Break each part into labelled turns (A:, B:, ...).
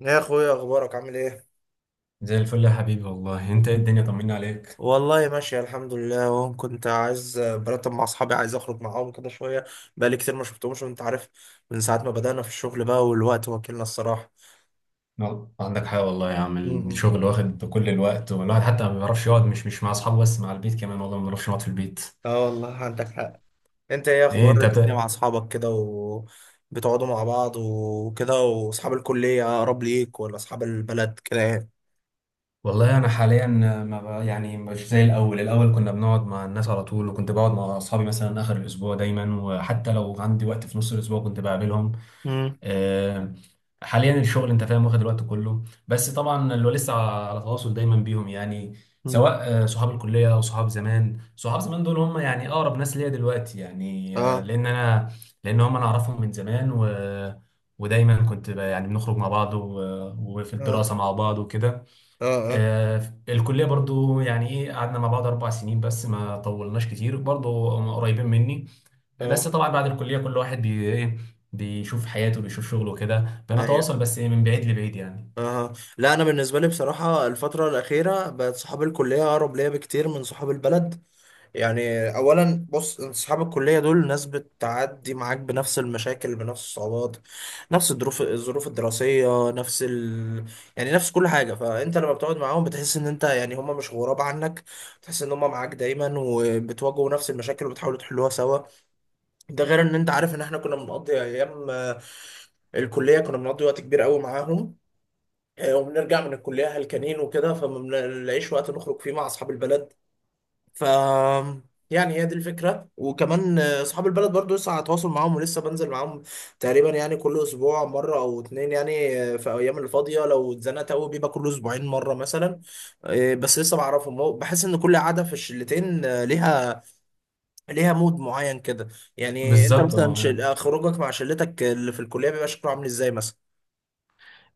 A: يا اخويا، اخبارك عامل ايه؟
B: زي الفل يا حبيبي، والله انت ايه الدنيا، طمنا عليك.
A: والله ماشي الحمد لله، اهو كنت عايز برتب مع اصحابي، عايز اخرج معاهم كده شويه. بقالي كتير ما شفتهمش وانت عارف. من ساعه ما بدأنا في الشغل بقى والوقت واكلنا الصراحه.
B: ما عندك حاجه والله يا عم،
A: امم.
B: الشغل واخد كل الوقت، والواحد حتى ما بيعرفش يقعد مش مع اصحابه، بس مع البيت كمان، والله ما بنعرفش نقعد في البيت.
A: اه، والله عندك حق. انت ايه
B: ايه
A: اخبار
B: انت
A: الدنيا مع اصحابك كده، وبتقعدوا مع بعض وكده، واصحاب الكليه اقرب ليك ولا اصحاب البلد كده يعني؟
B: والله انا حاليا ما ب... يعني مش زي الاول، الاول كنا بنقعد مع الناس على طول، وكنت بقعد مع اصحابي مثلا اخر الاسبوع دايما، وحتى لو عندي وقت في نص الاسبوع كنت بقابلهم.
A: امم.
B: آه، حاليا الشغل انت فاهم، واخد الوقت كله، بس طبعا اللي هو لسه على تواصل دايما بيهم يعني.
A: امم.
B: سواء صحاب الكليه او صحاب زمان، صحاب زمان دول هم يعني اقرب ناس ليا دلوقتي يعني. آه،
A: اه.
B: لان انا لان هم انا اعرفهم من زمان، و ودايما كنت يعني بنخرج مع بعض وفي
A: اه.
B: الدراسه مع بعض وكده.
A: اه. اه.
B: آه، الكليه برضو يعني ايه، قعدنا مع بعض 4 سنين بس، ما طولناش كتير، برضو هم قريبين مني. بس
A: اه.
B: طبعا بعد الكلية كل واحد بي ايه بيشوف حياته، بيشوف شغله كده،
A: ايوه.
B: بنتواصل بس من بعيد لبعيد يعني.
A: أها، لا، أنا بالنسبة لي بصراحة الفترة الأخيرة بقت صحاب الكلية أقرب ليا بكتير من صحاب البلد يعني. أولا بص، أنت صحاب الكلية دول ناس بتعدي معاك بنفس المشاكل، بنفس الصعوبات، نفس الظروف الدراسية، يعني نفس كل حاجة. فأنت لما بتقعد معاهم بتحس إن أنت يعني هما مش غراب عنك، بتحس إن هما معاك دايما وبتواجهوا نفس المشاكل وبتحاولوا تحلوها سوا. ده غير إن أنت عارف إن إحنا كنا بنقضي أيام، الكلية كنا بنقضي وقت كبير قوي معاهم. وبنرجع من الكلية هلكانين وكده، فما بنلاقيش وقت نخرج فيه مع أصحاب البلد. ف يعني هي دي الفكرة. وكمان أصحاب البلد برضو لسه على تواصل معاهم ولسه بنزل معاهم تقريبا، يعني كل أسبوع مرة أو اتنين يعني، في أيام الفاضية لو اتزنقت أوي بيبقى كل أسبوعين مرة مثلا. بس لسه بعرفهم، بحس إن كل قعدة في الشلتين ليها، ليها مود معين كده. يعني أنت
B: بالظبط،
A: مثلا
B: اه.
A: خروجك مع شلتك اللي في الكلية بيبقى شكله عامل إزاي مثلا؟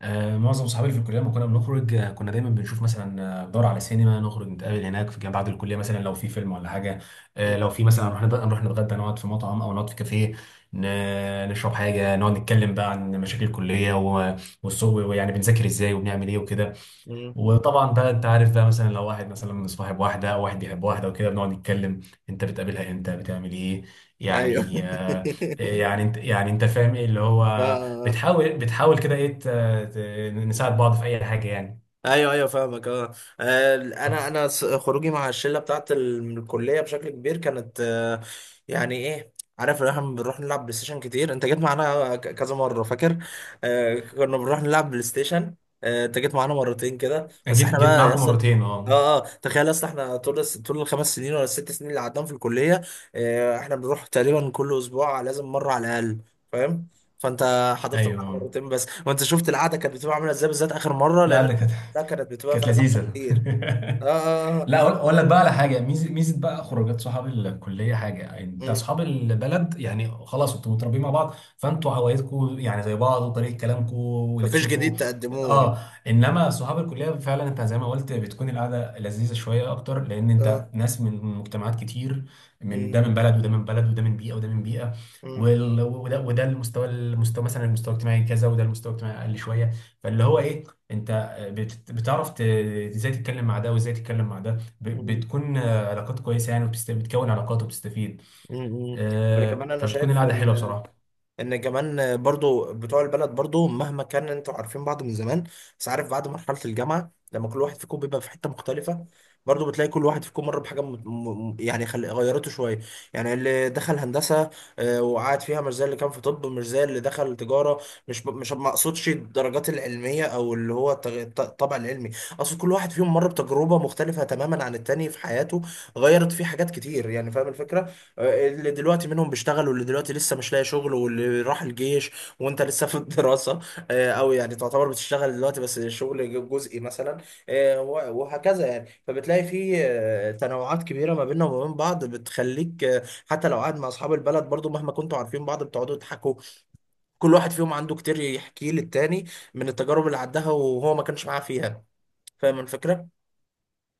B: معظم صحابي في الكلية لما كنا بنخرج، كنا دايما بنشوف مثلا، ندور على سينما، نخرج نتقابل هناك في بعد الكلية، مثلا لو في فيلم ولا حاجة.
A: مم.
B: لو في مثلا نروح نروح نتغدى، نقعد في مطعم أو نقعد في كافيه، نشرب حاجة، نقعد نتكلم بقى عن مشاكل الكلية والسوق، ويعني بنذاكر ازاي، وبنعمل ايه وكده.
A: مم.
B: وطبعا بقى انت عارف بقى، مثلا لو واحد مثلا صاحب واحده او واحد بيحب واحده وكده، بنقعد نتكلم انت بتقابلها امتى، بتعمل ايه،
A: أيوه
B: يعني يعني انت، فاهم ايه اللي
A: آه،
B: هو.
A: آه، آه.
B: بتحاول كده ايه، نساعد بعض في اي حاجه يعني.
A: ايوه، ايوه، فاهمك، اه.
B: اه،
A: انا خروجي مع الشله بتاعت من الكليه بشكل كبير كانت. يعني ايه؟ عارف إن احنا بنروح نلعب بلاي ستيشن كتير، انت جيت معانا كذا مره فاكر. كنا بنروح نلعب بلاي ستيشن. انت جيت معانا مرتين كده بس.
B: جيت
A: احنا
B: جيت
A: بقى يا
B: معاكم
A: اسطى،
B: مرتين، اه.
A: اه، اه، تخيل يا اسطى احنا طول الـ5 سنين ولا الـ6 سنين اللي قعدناهم في الكليه. احنا بنروح تقريبا كل اسبوع لازم مره على الاقل، فاهم؟ فانت حضرت معانا
B: ايوه،
A: مرتين بس، وانت شفت القعده كانت بتبقى عامله ازاي بالذات اخر مره،
B: لا لا،
A: لان.
B: كانت
A: لا كانت بتبقى فيها زحمة
B: لذيذه.
A: كتير. اه، اه، آه.
B: لا، أقول لك بقى على حاجه، ميزه بقى خروجات صحاب الكليه حاجه يعني. انت
A: مم.
B: اصحاب البلد يعني خلاص انتوا متربيين مع بعض، فانتوا هوايتكم يعني زي بعض، وطريقه كلامكم
A: مفيش
B: ولبسكم.
A: جديد تقدموه.
B: اه، انما صحاب الكليه فعلا انت زي ما قلت بتكون القعده لذيذه شويه اكتر، لان
A: اه.
B: انت ناس من مجتمعات كتير. من ده
A: مم.
B: من بلد وده من بلد، وده من بيئه وده من بيئه،
A: مم.
B: وده المستوى مثلا، المستوى الاجتماعي كذا، وده المستوى الاجتماعي اقل شويه. فاللي هو ايه، انت بتعرف ازاي تتكلم مع ده، وازاي تتكلم مع ده.
A: مم.
B: بتكون علاقات كويسه يعني، وبتكون علاقات وبتستفيد.
A: مم. مم. ولا كمان انا
B: فبتكون
A: شايف
B: القعده حلوه
A: ان
B: بصراحه.
A: ان كمان برضو بتوع البلد برضو مهما كان انتوا عارفين بعض من زمان، بس عارف بعد مرحلة الجامعة لما كل واحد فيكم بيبقى في حتة مختلفة، برضو بتلاقي كل واحد فيكم مر بحاجة، يعني غيرته شوية. يعني اللي دخل هندسة وقعد فيها مش زي اللي كان في طب، مش زي اللي دخل تجارة. مش ما اقصدش الدرجات العلمية او اللي هو الطبع العلمي، اقصد كل واحد فيهم مر بتجربة مختلفة تماما عن التاني في حياته، غيرت فيه حاجات كتير، يعني فاهم الفكرة. اللي دلوقتي منهم بيشتغل، واللي دلوقتي لسه مش لاقي شغل، واللي راح الجيش، وانت لسه في الدراسة، او يعني تعتبر بتشتغل دلوقتي بس شغل جزئي مثلا، وهكذا يعني. فبتلاقي في تنوعات كبيرة ما بيننا وما بين بعض، بتخليك حتى لو قاعد مع اصحاب البلد برضو مهما كنتوا عارفين بعض بتقعدوا تضحكوا. كل واحد فيهم عنده كتير يحكيه للتاني من التجارب اللي عداها وهو ما كانش معاه فيها. فاهم الفكرة؟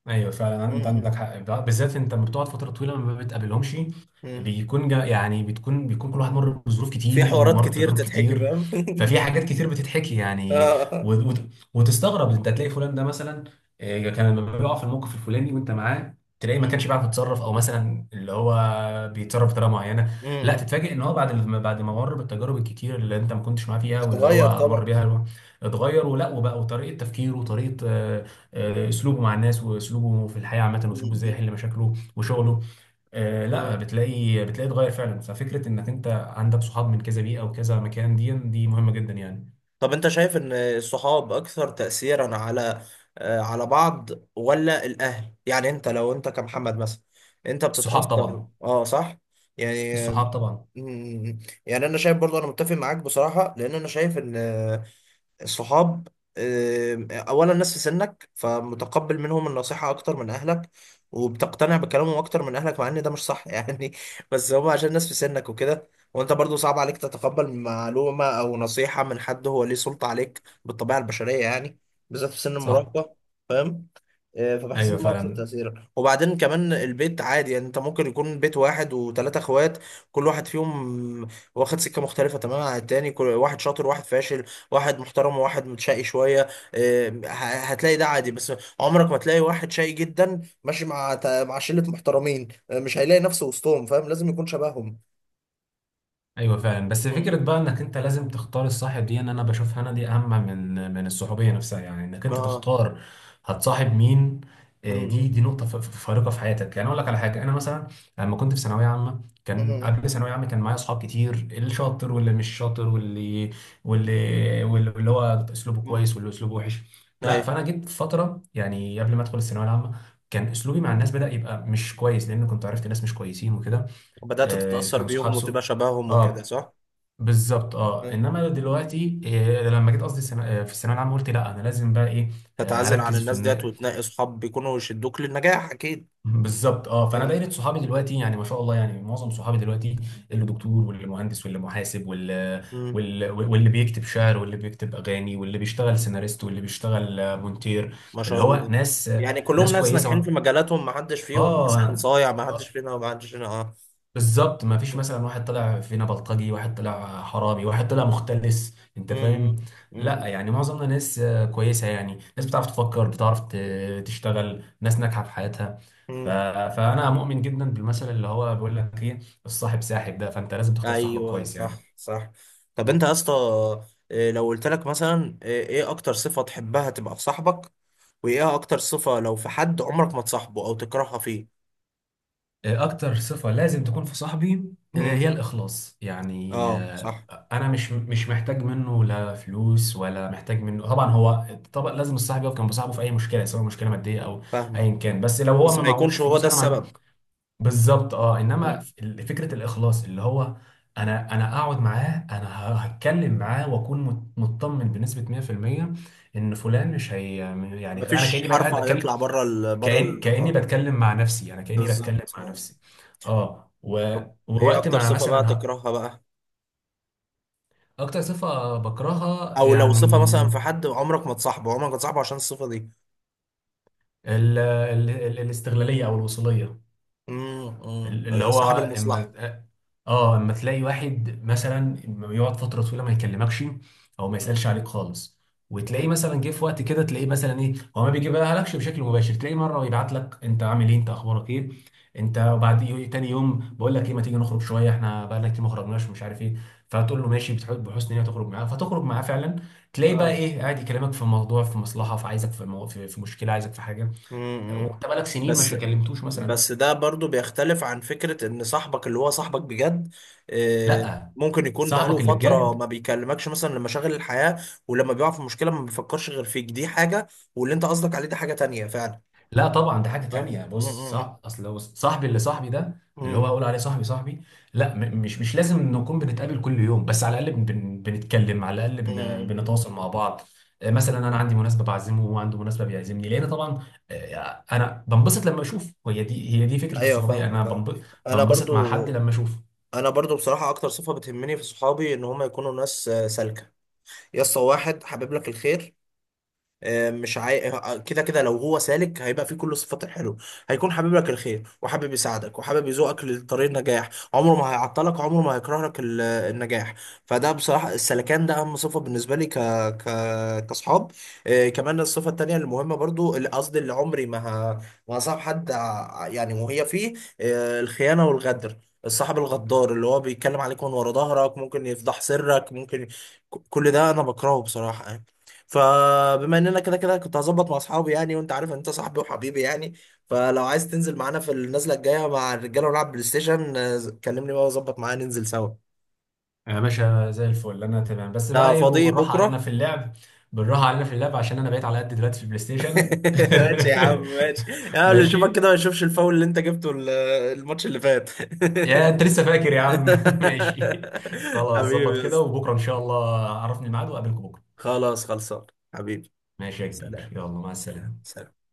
B: ايوه فعلا،
A: م.
B: انت عندك
A: م.
B: حق، بالذات انت لما بتقعد فتره طويله ما بتقابلهمش،
A: م.
B: بيكون جا يعني، بتكون بيكون كل واحد مر بظروف
A: في
B: كتير،
A: حوارات
B: ومر
A: كتير
B: بتجارب
A: تتحكي،
B: كتير،
A: فاهم؟
B: ففي حاجات كتير بتتحكي يعني.
A: آه.
B: و... و... وتستغرب انت تلاقي فلان ده مثلا، كان لما بيقع في الموقف الفلاني وانت معاه، تلاقيه ما
A: م.
B: كانش بيعرف يتصرف، او مثلا اللي هو بيتصرف بطريقه معينه.
A: م.
B: لا
A: م.
B: تتفاجئ ان هو بعد بعد ما مر بالتجارب الكتير اللي انت ما كنتش معاه فيها واللي
A: اتغير
B: هو مر
A: طبعا.
B: بيها، اتغير ولا وبقى، وطريقه تفكيره وطريقه اسلوبه مع الناس، واسلوبه في الحياه عامه، واسلوبه ازاي
A: مم.
B: يحل مشاكله وشغله. لا،
A: آه.
B: بتلاقي اتغير فعلا. ففكره انك انت عندك صحاب من كذا بيئه وكذا مكان، دي مهمه جدا يعني.
A: طب انت شايف ان الصحاب اكثر تأثيرا على بعض، ولا الاهل؟ يعني انت، لو انت كمحمد مثلا، انت
B: الصحاب
A: بتتأثر،
B: طبعا،
A: اه، صح؟ يعني.
B: الصحاب طبعا.
A: مم. يعني انا شايف برضو، انا متفق معاك بصراحة، لان انا شايف ان صحاب، اولا ناس في سنك فمتقبل منهم النصيحة اكتر من اهلك، وبتقتنع بكلامهم اكتر من اهلك، مع ان ده مش صح يعني. بس هم عشان ناس في سنك وكده. وانت برضو صعب عليك تتقبل معلومة او نصيحة من حد هو ليه سلطة عليك، بالطبيعة البشرية يعني، بالذات في سن
B: صح.
A: المراهقة. فبحس ان
B: ايوه
A: هو اكتر
B: فعلا،
A: تاثيرا. وبعدين كمان البيت عادي، يعني انت ممكن يكون بيت واحد وثلاثه اخوات، كل واحد فيهم واخد سكه مختلفه تماما عن التاني، كل واحد شاطر، واحد فاشل، واحد محترم، وواحد متشقي شويه. آه، ه- هتلاقي ده عادي. بس عمرك ما تلاقي واحد شقي جدا ماشي مع مع شله محترمين، مش هيلاقي نفسه وسطهم، فاهم؟ لازم يكون شبههم.
B: ايوه فعلا، بس
A: م.
B: فكره بقى انك انت لازم تختار الصاحب دي، ان انا بشوفها انا دي اهم من الصحوبيه نفسها يعني، انك انت
A: اه.
B: تختار هتصاحب مين.
A: م.
B: دي
A: م.
B: دي نقطه فارقه في حياتك يعني. اقول لك على حاجه، انا مثلا لما كنت في ثانويه عامه، كان
A: م.
B: قبل ثانويه عامه كان معايا اصحاب كتير، اللي شاطر واللي مش شاطر، واللي هو اسلوبه
A: م.
B: كويس، واللي اسلوبه وحش. لا،
A: ايوه،
B: فانا جيت في فتره يعني قبل ما ادخل الثانويه العامه، كان اسلوبي مع الناس بدا يبقى مش كويس، لان كنت عرفت ناس مش كويسين وكده.
A: بدأت تتأثر
B: كانوا صحاب
A: بيهم وتبقى
B: سوء.
A: شبههم وكده،
B: اه،
A: صح؟
B: بالظبط، اه. انما دلوقتي إيه لما جيت قصدي في الثانويه العامه قلت لا انا لازم بقى ايه،
A: تتعزل عن
B: هركز في
A: الناس ديت وتنقي صحاب بيكونوا يشدوك للنجاح، اكيد.
B: بالظبط، اه. فانا
A: آه.
B: دايره صحابي دلوقتي، يعني ما شاء الله، يعني معظم صحابي دلوقتي اللي دكتور واللي مهندس واللي محاسب واللي
A: مم.
B: واللي, واللي بيكتب شعر، واللي بيكتب اغاني، واللي بيشتغل سيناريست، واللي بيشتغل مونتير.
A: ما
B: اللي
A: شاء
B: هو
A: الله. يعني كلهم
B: ناس
A: ناس
B: كويسه
A: ناجحين في مجالاتهم، ما حدش فيهم مثلا
B: اه.
A: صايع، ما حدش
B: آه،
A: فينا ما حدش فينا اه.
B: بالظبط، ما فيش مثلا واحد طلع فينا بلطجي، واحد طلع حرامي، واحد طلع مختلس، انت
A: مم.
B: فاهم. لا
A: مم.
B: يعني معظمنا ناس كويسه يعني، ناس بتعرف تفكر، بتعرف تشتغل، ناس ناجحه في حياتها. ف...
A: مم.
B: فانا مؤمن جدا بالمثل اللي هو بيقول لك ايه، الصاحب ساحب، ده فانت لازم تختار صاحبك
A: ايوه،
B: كويس
A: صح،
B: يعني.
A: صح. طب انت يا اسطى، لو قلت لك مثلا، ايه اكتر صفة تحبها تبقى في صاحبك، وايه اكتر صفة لو في حد عمرك ما تصاحبه او تكرهها فيه؟
B: اكتر صفة لازم تكون في صاحبي هي
A: مم.
B: الاخلاص يعني.
A: اه، صح.
B: انا مش محتاج منه لا فلوس ولا محتاج منه، طبعا لازم الصاحب يقف جنب صاحبه في اي مشكله، سواء مشكله ماديه او
A: فاهمك.
B: ايا كان، بس لو هو
A: بس
B: ما
A: ما
B: معهوش
A: يكونش هو
B: فلوس
A: ده
B: انا ما عند-
A: السبب.
B: بالظبط، اه. انما فكره الاخلاص اللي هو، انا اقعد معاه، انا هتكلم معاه، واكون مطمن بنسبه 100% ان فلان مش هي، يعني انا
A: مفيش
B: كاني بقى
A: حرف
B: قاعد بتكلم،
A: هيطلع بره
B: كأني
A: النقاط.
B: بتكلم مع نفسي، انا كأني بتكلم
A: بالظبط،
B: مع
A: آه.
B: نفسي. اه
A: طب ايه
B: ووقت
A: اكتر
B: ما
A: صفة بقى
B: مثلا
A: تكرهها بقى؟
B: اكتر صفة بكرهها
A: او لو صفة
B: يعني
A: مثلا في حد عمرك ما تصاحبه عشان الصفة دي؟
B: الاستغلالية او الوصولية.
A: امم،
B: اللي هو
A: صاحب المصلحة.
B: اما اه اما تلاقي واحد مثلا لما يقعد فتره طويله ما يكلمكش او ما
A: مم.
B: يسالش عليك خالص، وتلاقيه
A: مم.
B: مثلا جه في وقت كده، تلاقيه مثلا ايه، هو ما بيجيبها لكش بشكل مباشر، تلاقيه مره يبعت لك انت عامل ايه، انت اخبارك ايه انت، وبعد تاني يوم بقول لك ايه ما تيجي نخرج شويه، احنا بقى لنا كتير ما خرجناش، مش عارف ايه، فتقول له ماشي بتحب بحسن نيه تخرج معاه، فتخرج معاه فعلا، تلاقي بقى
A: اه.
B: ايه قاعد يكلمك في موضوع، في مصلحه، في عايزك، في مشكله، عايزك في حاجه، وانت
A: امم.
B: بقالك سنين مش
A: بس
B: كلمتوش مثلا.
A: بس ده برضو بيختلف عن فكرة ان صاحبك اللي هو صاحبك بجد. آه،
B: لا،
A: ممكن يكون بقاله
B: صاحبك اللي
A: فترة ما
B: بجد،
A: بيكلمكش مثلا لمشاغل الحياة، ولما بيقع في مشكلة ما بيفكرش غير فيك، دي حاجة. واللي انت قصدك عليه ده حاجة تانية فعلا،
B: لا طبعا ده حاجة
A: صح؟
B: تانية،
A: م.
B: بص،
A: م.
B: صح. اصل هو صاحبي اللي صاحبي ده،
A: م.
B: اللي هو
A: م.
B: اقول عليه صاحبي صاحبي. لا مش لازم نكون بنتقابل كل يوم، بس على الاقل بنتكلم، على الاقل
A: م. م.
B: بنتواصل مع بعض.
A: م.
B: مثلا انا عندي مناسبة بعزمه، وهو عنده مناسبة بيعزمني، لان طبعا انا بنبسط لما اشوف، هي دي فكرة
A: ايوه،
B: الصحوبية، انا
A: فاهمك، اه. انا برضو
B: بنبسط مع حد لما اشوفه.
A: انا برضو بصراحه اكتر صفه بتهمني في صحابي ان هم يكونوا ناس سالكه، يا اسطى، واحد حابب لك الخير. آه، مش عاي... آه، كده كده لو هو سالك، هيبقى فيه كل صفات الحلو. هيكون حابب لك الخير، وحابب يساعدك، وحابب يزوقك لطريق النجاح، عمره ما هيعطلك، عمره ما هيكره لك النجاح. فده بصراحة السلكان ده أهم صفة بالنسبة لي ك... كأصحاب. كمان الصفة التانية المهمة برضو، قصدي اللي عمري ما، ه... ما هصاحب حد يعني وهي فيه، الخيانة والغدر. الصاحب الغدار اللي هو بيتكلم عليك من ورا ظهرك، ممكن يفضح سرك، ممكن، كل ده أنا بكرهه بصراحة. فبما اننا كده كده كنت هظبط مع اصحابي يعني، وانت عارف انت صاحبي وحبيبي يعني، فلو عايز تنزل معانا في النزله الجايه مع الرجاله ونلعب بلاي ستيشن، كلمني بقى واظبط معانا ننزل سوا.
B: يا باشا زي الفل، انا تمام، بس بقى
A: ده
B: ايه،
A: فاضي
B: بالراحة علينا
A: بكره.
B: في اللعب، بالراحة علينا في اللعب، عشان انا بقيت على قد دلوقتي في البلاي ستيشن.
A: ماشي يا عم، ماشي. يا اللي يشوفك
B: ماشي.
A: كده ما يشوفش الفاول اللي انت جبته، الماتش اللي فات.
B: يا انت لسه فاكر يا عم؟ ماشي، خلاص
A: حبيبي
B: ظبط
A: يا
B: كده،
A: اسطى.
B: وبكره ان شاء الله عرفني الميعاد واقابلكم بكره.
A: خلاص خلصان. حبيبي.
B: ماشي يا كبير،
A: سلام.
B: يلا مع
A: سلام.
B: السلامه.
A: سلام.